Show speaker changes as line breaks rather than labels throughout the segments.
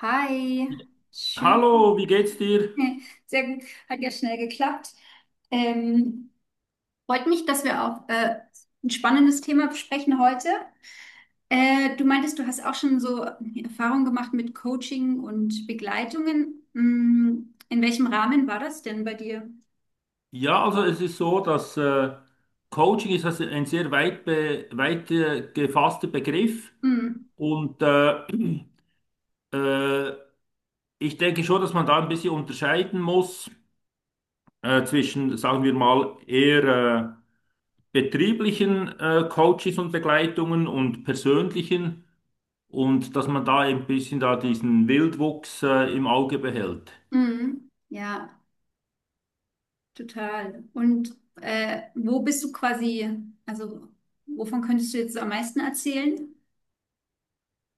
Hi, schön.
Hallo, wie geht's dir?
Sehr gut, hat ja schnell geklappt. Ähm, Freut mich, dass wir auch ein spannendes Thema besprechen heute. Du meintest, du hast auch schon so Erfahrungen gemacht mit Coaching und Begleitungen. Mm, in welchem Rahmen war das denn bei dir?
Ja, also es ist so, dass Coaching ist also ein sehr weit gefasster Begriff
Mm,
und äh, ich denke schon, dass man da ein bisschen unterscheiden muss zwischen, sagen wir mal, eher betrieblichen Coaches und Begleitungen und persönlichen und dass man da ein bisschen da diesen Wildwuchs im Auge behält.
ja, total. Und wo bist du quasi, also wovon könntest du jetzt so am meisten erzählen?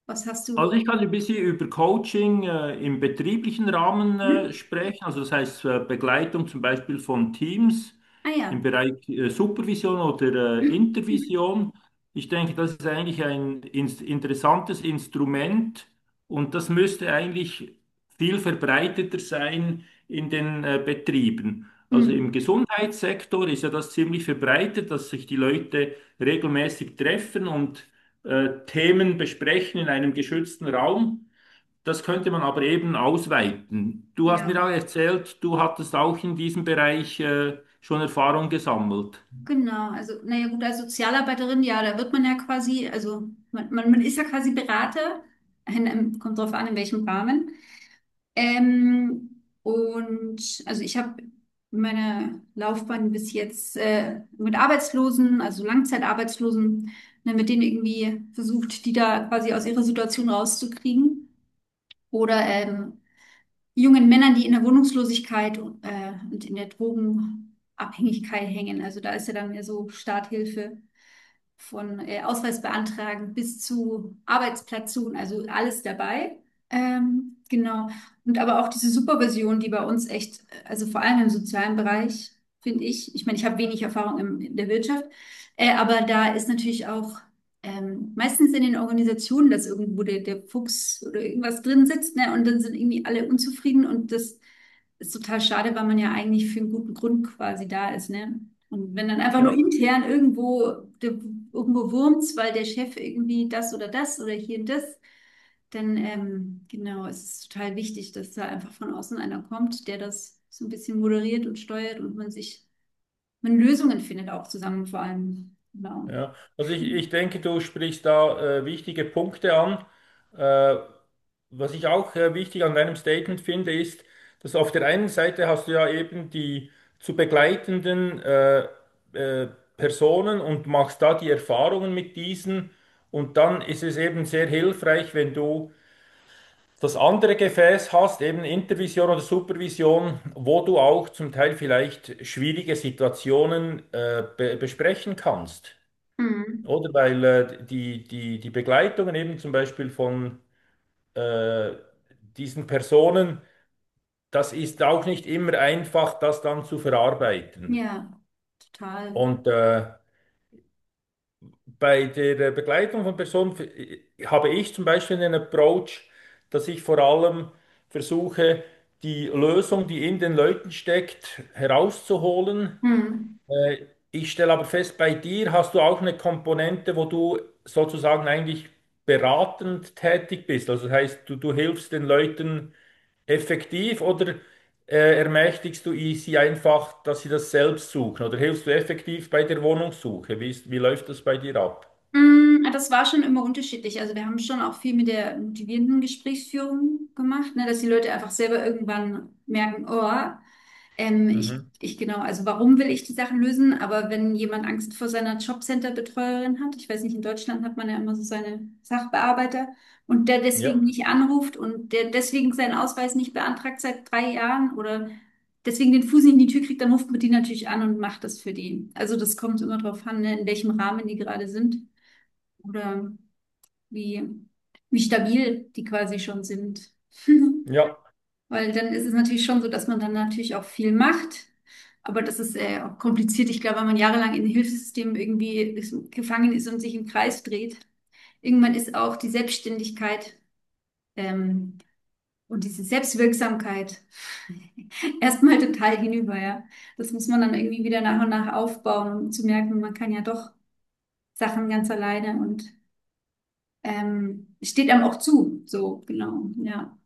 Was hast
Also
du?
ich kann ein bisschen über Coaching im betrieblichen Rahmen
Hm?
sprechen, also das heißt Begleitung zum Beispiel von Teams
Ah
im
ja.
Bereich Supervision oder
Hm,
Intervision. Ich denke, das ist eigentlich ein interessantes Instrument und das müsste eigentlich viel verbreiteter sein in den Betrieben. Also im Gesundheitssektor ist ja das ziemlich verbreitet, dass sich die Leute regelmäßig treffen und Themen besprechen in einem geschützten Raum. Das könnte man aber eben ausweiten. Du hast
ja,
mir auch erzählt, du hattest auch in diesem Bereich schon Erfahrung gesammelt.
genau. Also, naja, gut, als Sozialarbeiterin, ja, da wird man ja quasi, also man ist ja quasi Berater, kommt drauf an, in welchem Rahmen. Und also ich habe meine Laufbahn bis jetzt mit Arbeitslosen, also Langzeitarbeitslosen, ne, mit denen irgendwie versucht, die da quasi aus ihrer Situation rauszukriegen. Oder jungen Männern, die in der Wohnungslosigkeit und in der Drogenabhängigkeit hängen. Also da ist ja dann mehr so Starthilfe von Ausweis beantragen bis zu Arbeitsplatz suchen, also alles dabei. Genau. Und aber auch diese Supervision, die bei uns echt, also vor allem im sozialen Bereich, finde ich, ich meine, ich habe wenig Erfahrung in der Wirtschaft, aber da ist natürlich auch meistens in den Organisationen, dass irgendwo der Fuchs oder irgendwas drin sitzt, ne, und dann sind irgendwie alle unzufrieden und das ist total schade, weil man ja eigentlich für einen guten Grund quasi da ist, ne? Und wenn dann einfach nur
Ja,
intern irgendwo, der, irgendwo wurmt's, weil der Chef irgendwie das oder das oder hier und das, dann genau, es ist total wichtig, dass da einfach von außen einer kommt, der das so ein bisschen moderiert und steuert und man Lösungen findet auch zusammen vor allem. Genau.
ja, also ich denke, du sprichst da wichtige Punkte an. Äh, Was ich auch wichtig an deinem Statement finde, ist, dass auf der einen Seite hast du ja eben die zu begleitenden äh, Personen und machst da die Erfahrungen mit diesen. Und dann ist es eben sehr hilfreich, wenn du das andere Gefäß hast, eben Intervision oder Supervision, wo du auch zum Teil vielleicht schwierige Situationen be besprechen kannst.
Mhm.
Oder weil die, die, die Begleitungen eben zum Beispiel von äh, diesen Personen, das ist auch nicht immer einfach, das dann zu verarbeiten.
Ja, total.
Und bei der Begleitung von Personen habe ich zum Beispiel einen Approach, dass ich vor allem versuche, die Lösung, die in den Leuten steckt, herauszuholen.
Mhm.
Ich stelle aber fest, bei dir hast du auch eine Komponente, wo du sozusagen eigentlich beratend tätig bist. Also das heißt, du hilfst den Leuten effektiv oder ermächtigst du sie einfach, dass sie das selbst suchen? Oder hilfst du effektiv bei der Wohnungssuche? Wie ist, wie läuft das bei dir ab?
Mm, das war schon immer unterschiedlich. Also wir haben schon auch viel mit der motivierenden Gesprächsführung gemacht, ne, dass die Leute einfach selber irgendwann merken, oh,
Mhm.
ich genau, also warum will ich die Sachen lösen? Aber wenn jemand Angst vor seiner Jobcenter-Betreuerin hat, ich weiß nicht, in Deutschland hat man ja immer so seine Sachbearbeiter und der
Ja,
deswegen nicht anruft und der deswegen seinen Ausweis nicht beantragt seit 3 Jahren oder deswegen den Fuß nicht in die Tür kriegt, dann ruft man die natürlich an und macht das für die. Also das kommt immer drauf an, ne, in welchem Rahmen die gerade sind oder wie, wie stabil die quasi schon sind.
ja.
Weil dann ist es natürlich schon so, dass man dann natürlich auch viel macht. Aber das ist auch kompliziert. Ich glaube, wenn man jahrelang in Hilfssystemen irgendwie ist, gefangen ist und sich im Kreis dreht, irgendwann ist auch die Selbstständigkeit ähm, und diese Selbstwirksamkeit erstmal total hinüber, ja. Das muss man dann irgendwie wieder nach und nach aufbauen, um zu merken, man kann ja doch Sachen ganz alleine und steht einem auch zu, so, genau, ja.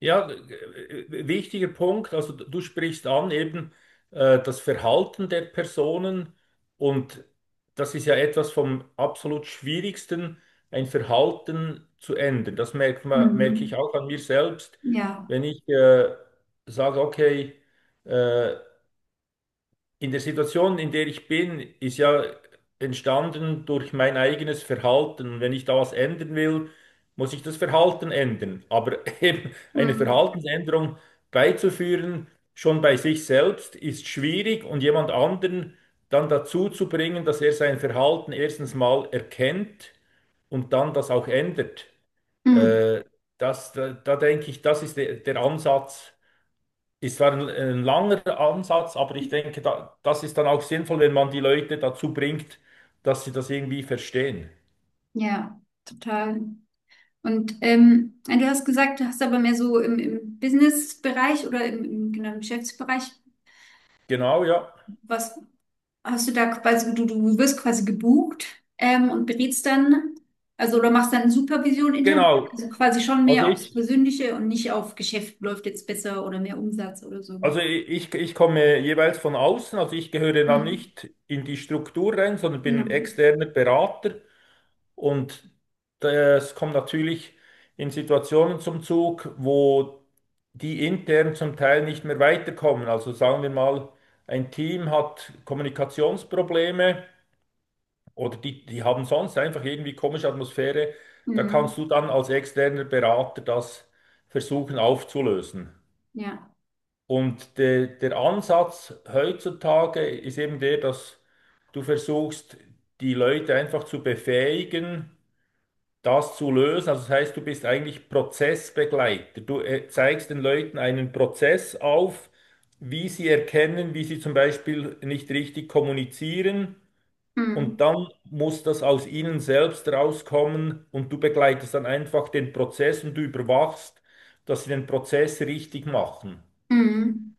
Ja, wichtiger Punkt. Also du sprichst an eben das Verhalten der Personen und das ist ja etwas vom absolut Schwierigsten, ein Verhalten zu ändern. Das merkt man, merke ich
Mhm.
auch an mir selbst,
Ja.
wenn ich sage, okay, äh, in der Situation, in der ich bin, ist ja entstanden durch mein eigenes Verhalten. Und wenn ich da was ändern will, muss ich das Verhalten ändern. Aber eben eine
Mhm.
Verhaltensänderung beizuführen, schon bei sich selbst, ist schwierig und jemand anderen dann dazu zu bringen, dass er sein Verhalten erstens mal erkennt und dann das auch ändert.
Mhm.
Äh, da denke ich, das ist der, der Ansatz. Es war ein langer Ansatz, aber ich denke, da, das ist dann auch sinnvoll, wenn man die Leute dazu bringt, dass sie das irgendwie verstehen.
Ja, total. Und ja, du hast gesagt, du hast aber mehr so im Business-Bereich oder genau, im Geschäftsbereich,
Genau, ja.
was hast du da quasi, also du wirst quasi gebucht und berätst dann, also oder machst dann Supervision intern, also
Genau.
quasi schon
Also
mehr aufs
ich,
Persönliche und nicht auf Geschäft läuft jetzt besser oder mehr Umsatz oder so.
also ich komme jeweils von außen, also ich gehöre dann
Mhm.
nicht in die Struktur rein, sondern bin
Genau.
externer Berater und das kommt natürlich in Situationen zum Zug, wo die intern zum Teil nicht mehr weiterkommen. Also sagen wir mal, ein Team hat Kommunikationsprobleme. Oder die, die haben sonst einfach irgendwie komische Atmosphäre. Da kannst
Mhm.
du dann als externer Berater das versuchen aufzulösen.
Ja.
Und der Ansatz heutzutage ist eben der, dass du versuchst, die Leute einfach zu befähigen, das zu lösen. Also das heißt, du bist eigentlich Prozessbegleiter. Du zeigst den Leuten einen Prozess auf, wie sie erkennen, wie sie zum Beispiel nicht richtig kommunizieren und
Mhm.
dann muss das aus ihnen selbst rauskommen und du begleitest dann einfach den Prozess und du überwachst, dass sie den Prozess richtig machen.
Mhm.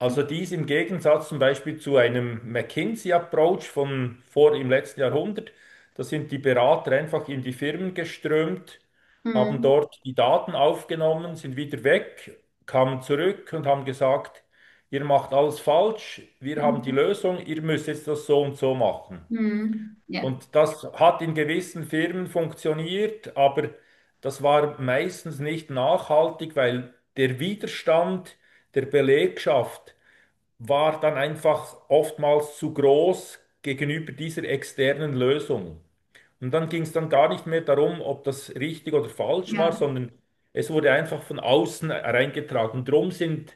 Also dies im Gegensatz zum Beispiel zu einem McKinsey-Approach von vor im letzten Jahrhundert. Da sind die Berater einfach in die Firmen geströmt, haben
Mhm.
dort die Daten aufgenommen, sind wieder weg, kamen zurück und haben gesagt, ihr macht alles falsch, wir haben die Lösung, ihr müsst jetzt das so und so machen.
Mhm. Ja,
Und das hat in gewissen Firmen funktioniert, aber das war meistens nicht nachhaltig, weil der Widerstand der Belegschaft war dann einfach oftmals zu groß gegenüber dieser externen Lösung. Und dann ging es dann gar nicht mehr darum, ob das richtig oder falsch war,
ja,
sondern es wurde einfach von außen reingetragen. Drum sind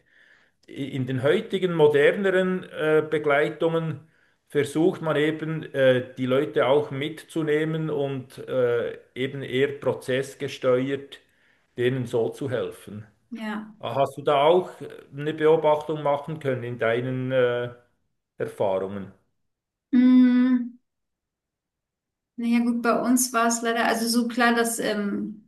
in den heutigen moderneren Begleitungen versucht man eben die Leute auch mitzunehmen und eben eher prozessgesteuert denen so zu helfen.
ja.
Hast du da auch eine Beobachtung machen können in deinen Erfahrungen?
Mhm. Naja, gut, bei uns war es leider, also so klar, dass,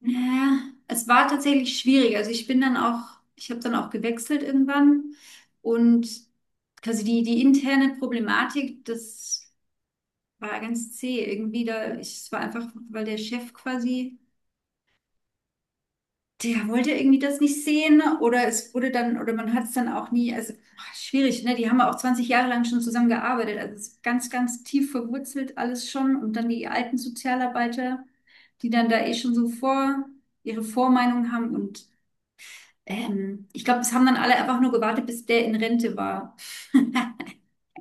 naja, es war tatsächlich schwierig. Also ich bin dann auch, ich habe dann auch gewechselt irgendwann und quasi die interne Problematik, das war ganz zäh irgendwie da. Ich, es war einfach, weil der Chef quasi. Der wollte irgendwie das nicht sehen oder es wurde dann, oder man hat es dann auch nie, also ach, schwierig, ne? Die haben auch 20 Jahre lang schon zusammen gearbeitet, also es ist ganz, ganz tief verwurzelt alles schon und dann die alten Sozialarbeiter, die dann da eh schon so vor ihre Vormeinung haben und ich glaube, es haben dann alle einfach nur gewartet, bis der in Rente war.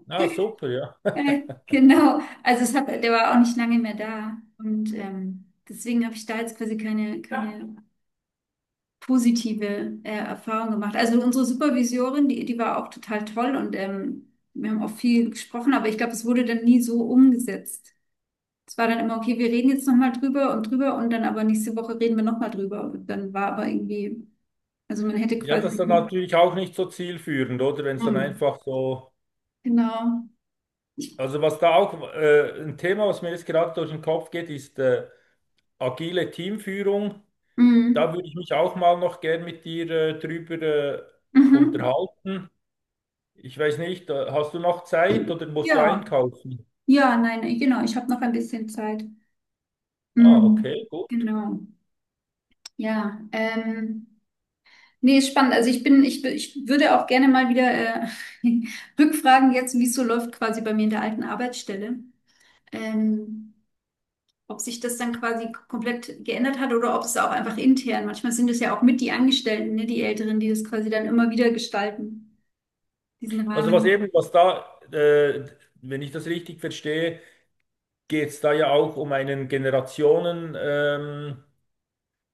Ah, super, ja.
Genau, also es hat, der war auch nicht lange mehr da und deswegen habe ich da jetzt quasi keine, ja, keine positive Erfahrungen gemacht. Also unsere Supervisorin, die war auch total toll und wir haben auch viel gesprochen, aber ich glaube, es wurde dann nie so umgesetzt. Es war dann immer, okay, wir reden jetzt nochmal drüber und drüber und dann aber nächste Woche reden wir nochmal drüber. Und dann war aber irgendwie, also man hätte
Ja, das
quasi,
ist dann natürlich auch nicht so zielführend, oder? Wenn es dann
hm,
einfach so.
genau,
Also, was da auch ein Thema, was mir jetzt gerade durch den Kopf geht, ist agile Teamführung. Da
hm,
würde ich mich auch mal noch gern mit dir drüber
mhm.
unterhalten. Ich weiß nicht, hast du noch Zeit oder musst du
Ja,
einkaufen?
ja, nein, genau, ich habe noch ein bisschen Zeit.
Ah, okay,
Hm,
gut.
genau, ja, nee, ist spannend. Also ich bin, ich würde auch gerne mal wieder rückfragen jetzt, wie es so läuft quasi bei mir in der alten Arbeitsstelle. Ähm, ob sich das dann quasi komplett geändert hat oder ob es auch einfach intern. Manchmal sind es ja auch mit die Angestellten, ne, die Älteren, die das quasi dann immer wieder gestalten, diesen
Also was
Rahmen.
eben, was da, wenn ich das richtig verstehe, geht es da ja auch um einen Generationen,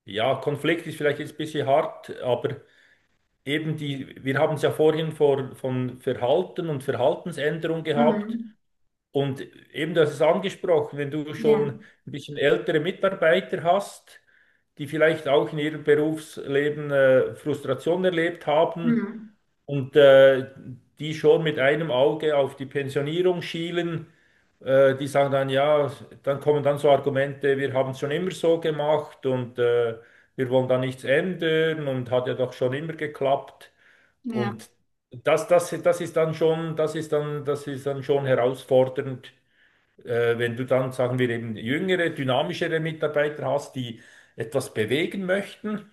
ja, Konflikt ist vielleicht jetzt ein bisschen hart, aber eben die, wir haben es ja vorhin von Verhalten und Verhaltensänderung gehabt.
Mhm.
Und eben, das ist angesprochen, wenn du schon
Ja.
ein bisschen ältere Mitarbeiter hast, die vielleicht auch in ihrem Berufsleben Frustration erlebt haben
Mhm.
und die schon mit einem Auge auf die Pensionierung schielen, die sagen dann, ja, dann kommen dann so Argumente, wir haben es schon immer so gemacht und wir wollen da nichts ändern und hat ja doch schon immer geklappt.
Ja.
Und das, das, das ist dann schon, das ist dann schon herausfordernd wenn du dann, sagen wir, eben jüngere, dynamischere Mitarbeiter hast, die etwas bewegen möchten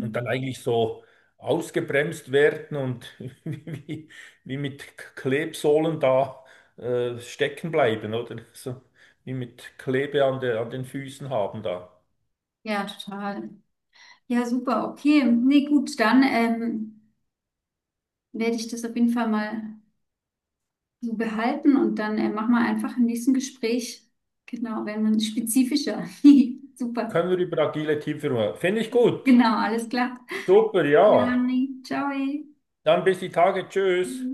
und dann eigentlich so ausgebremst werden und wie, wie mit Klebsohlen da stecken bleiben, oder? So, wie mit Klebe an der, an den Füßen haben da.
Ja, total. Ja, super, okay. Nee, gut, dann werde ich das auf jeden Fall mal. So behalten und dann machen wir einfach im nächsten Gespräch. Genau, wenn man spezifischer. Super.
Können wir über agile Teamführung. Finde ich gut.
Genau, alles klar.
Super, ja.
Dann, ciao.
Dann bis die Tage. Tschüss.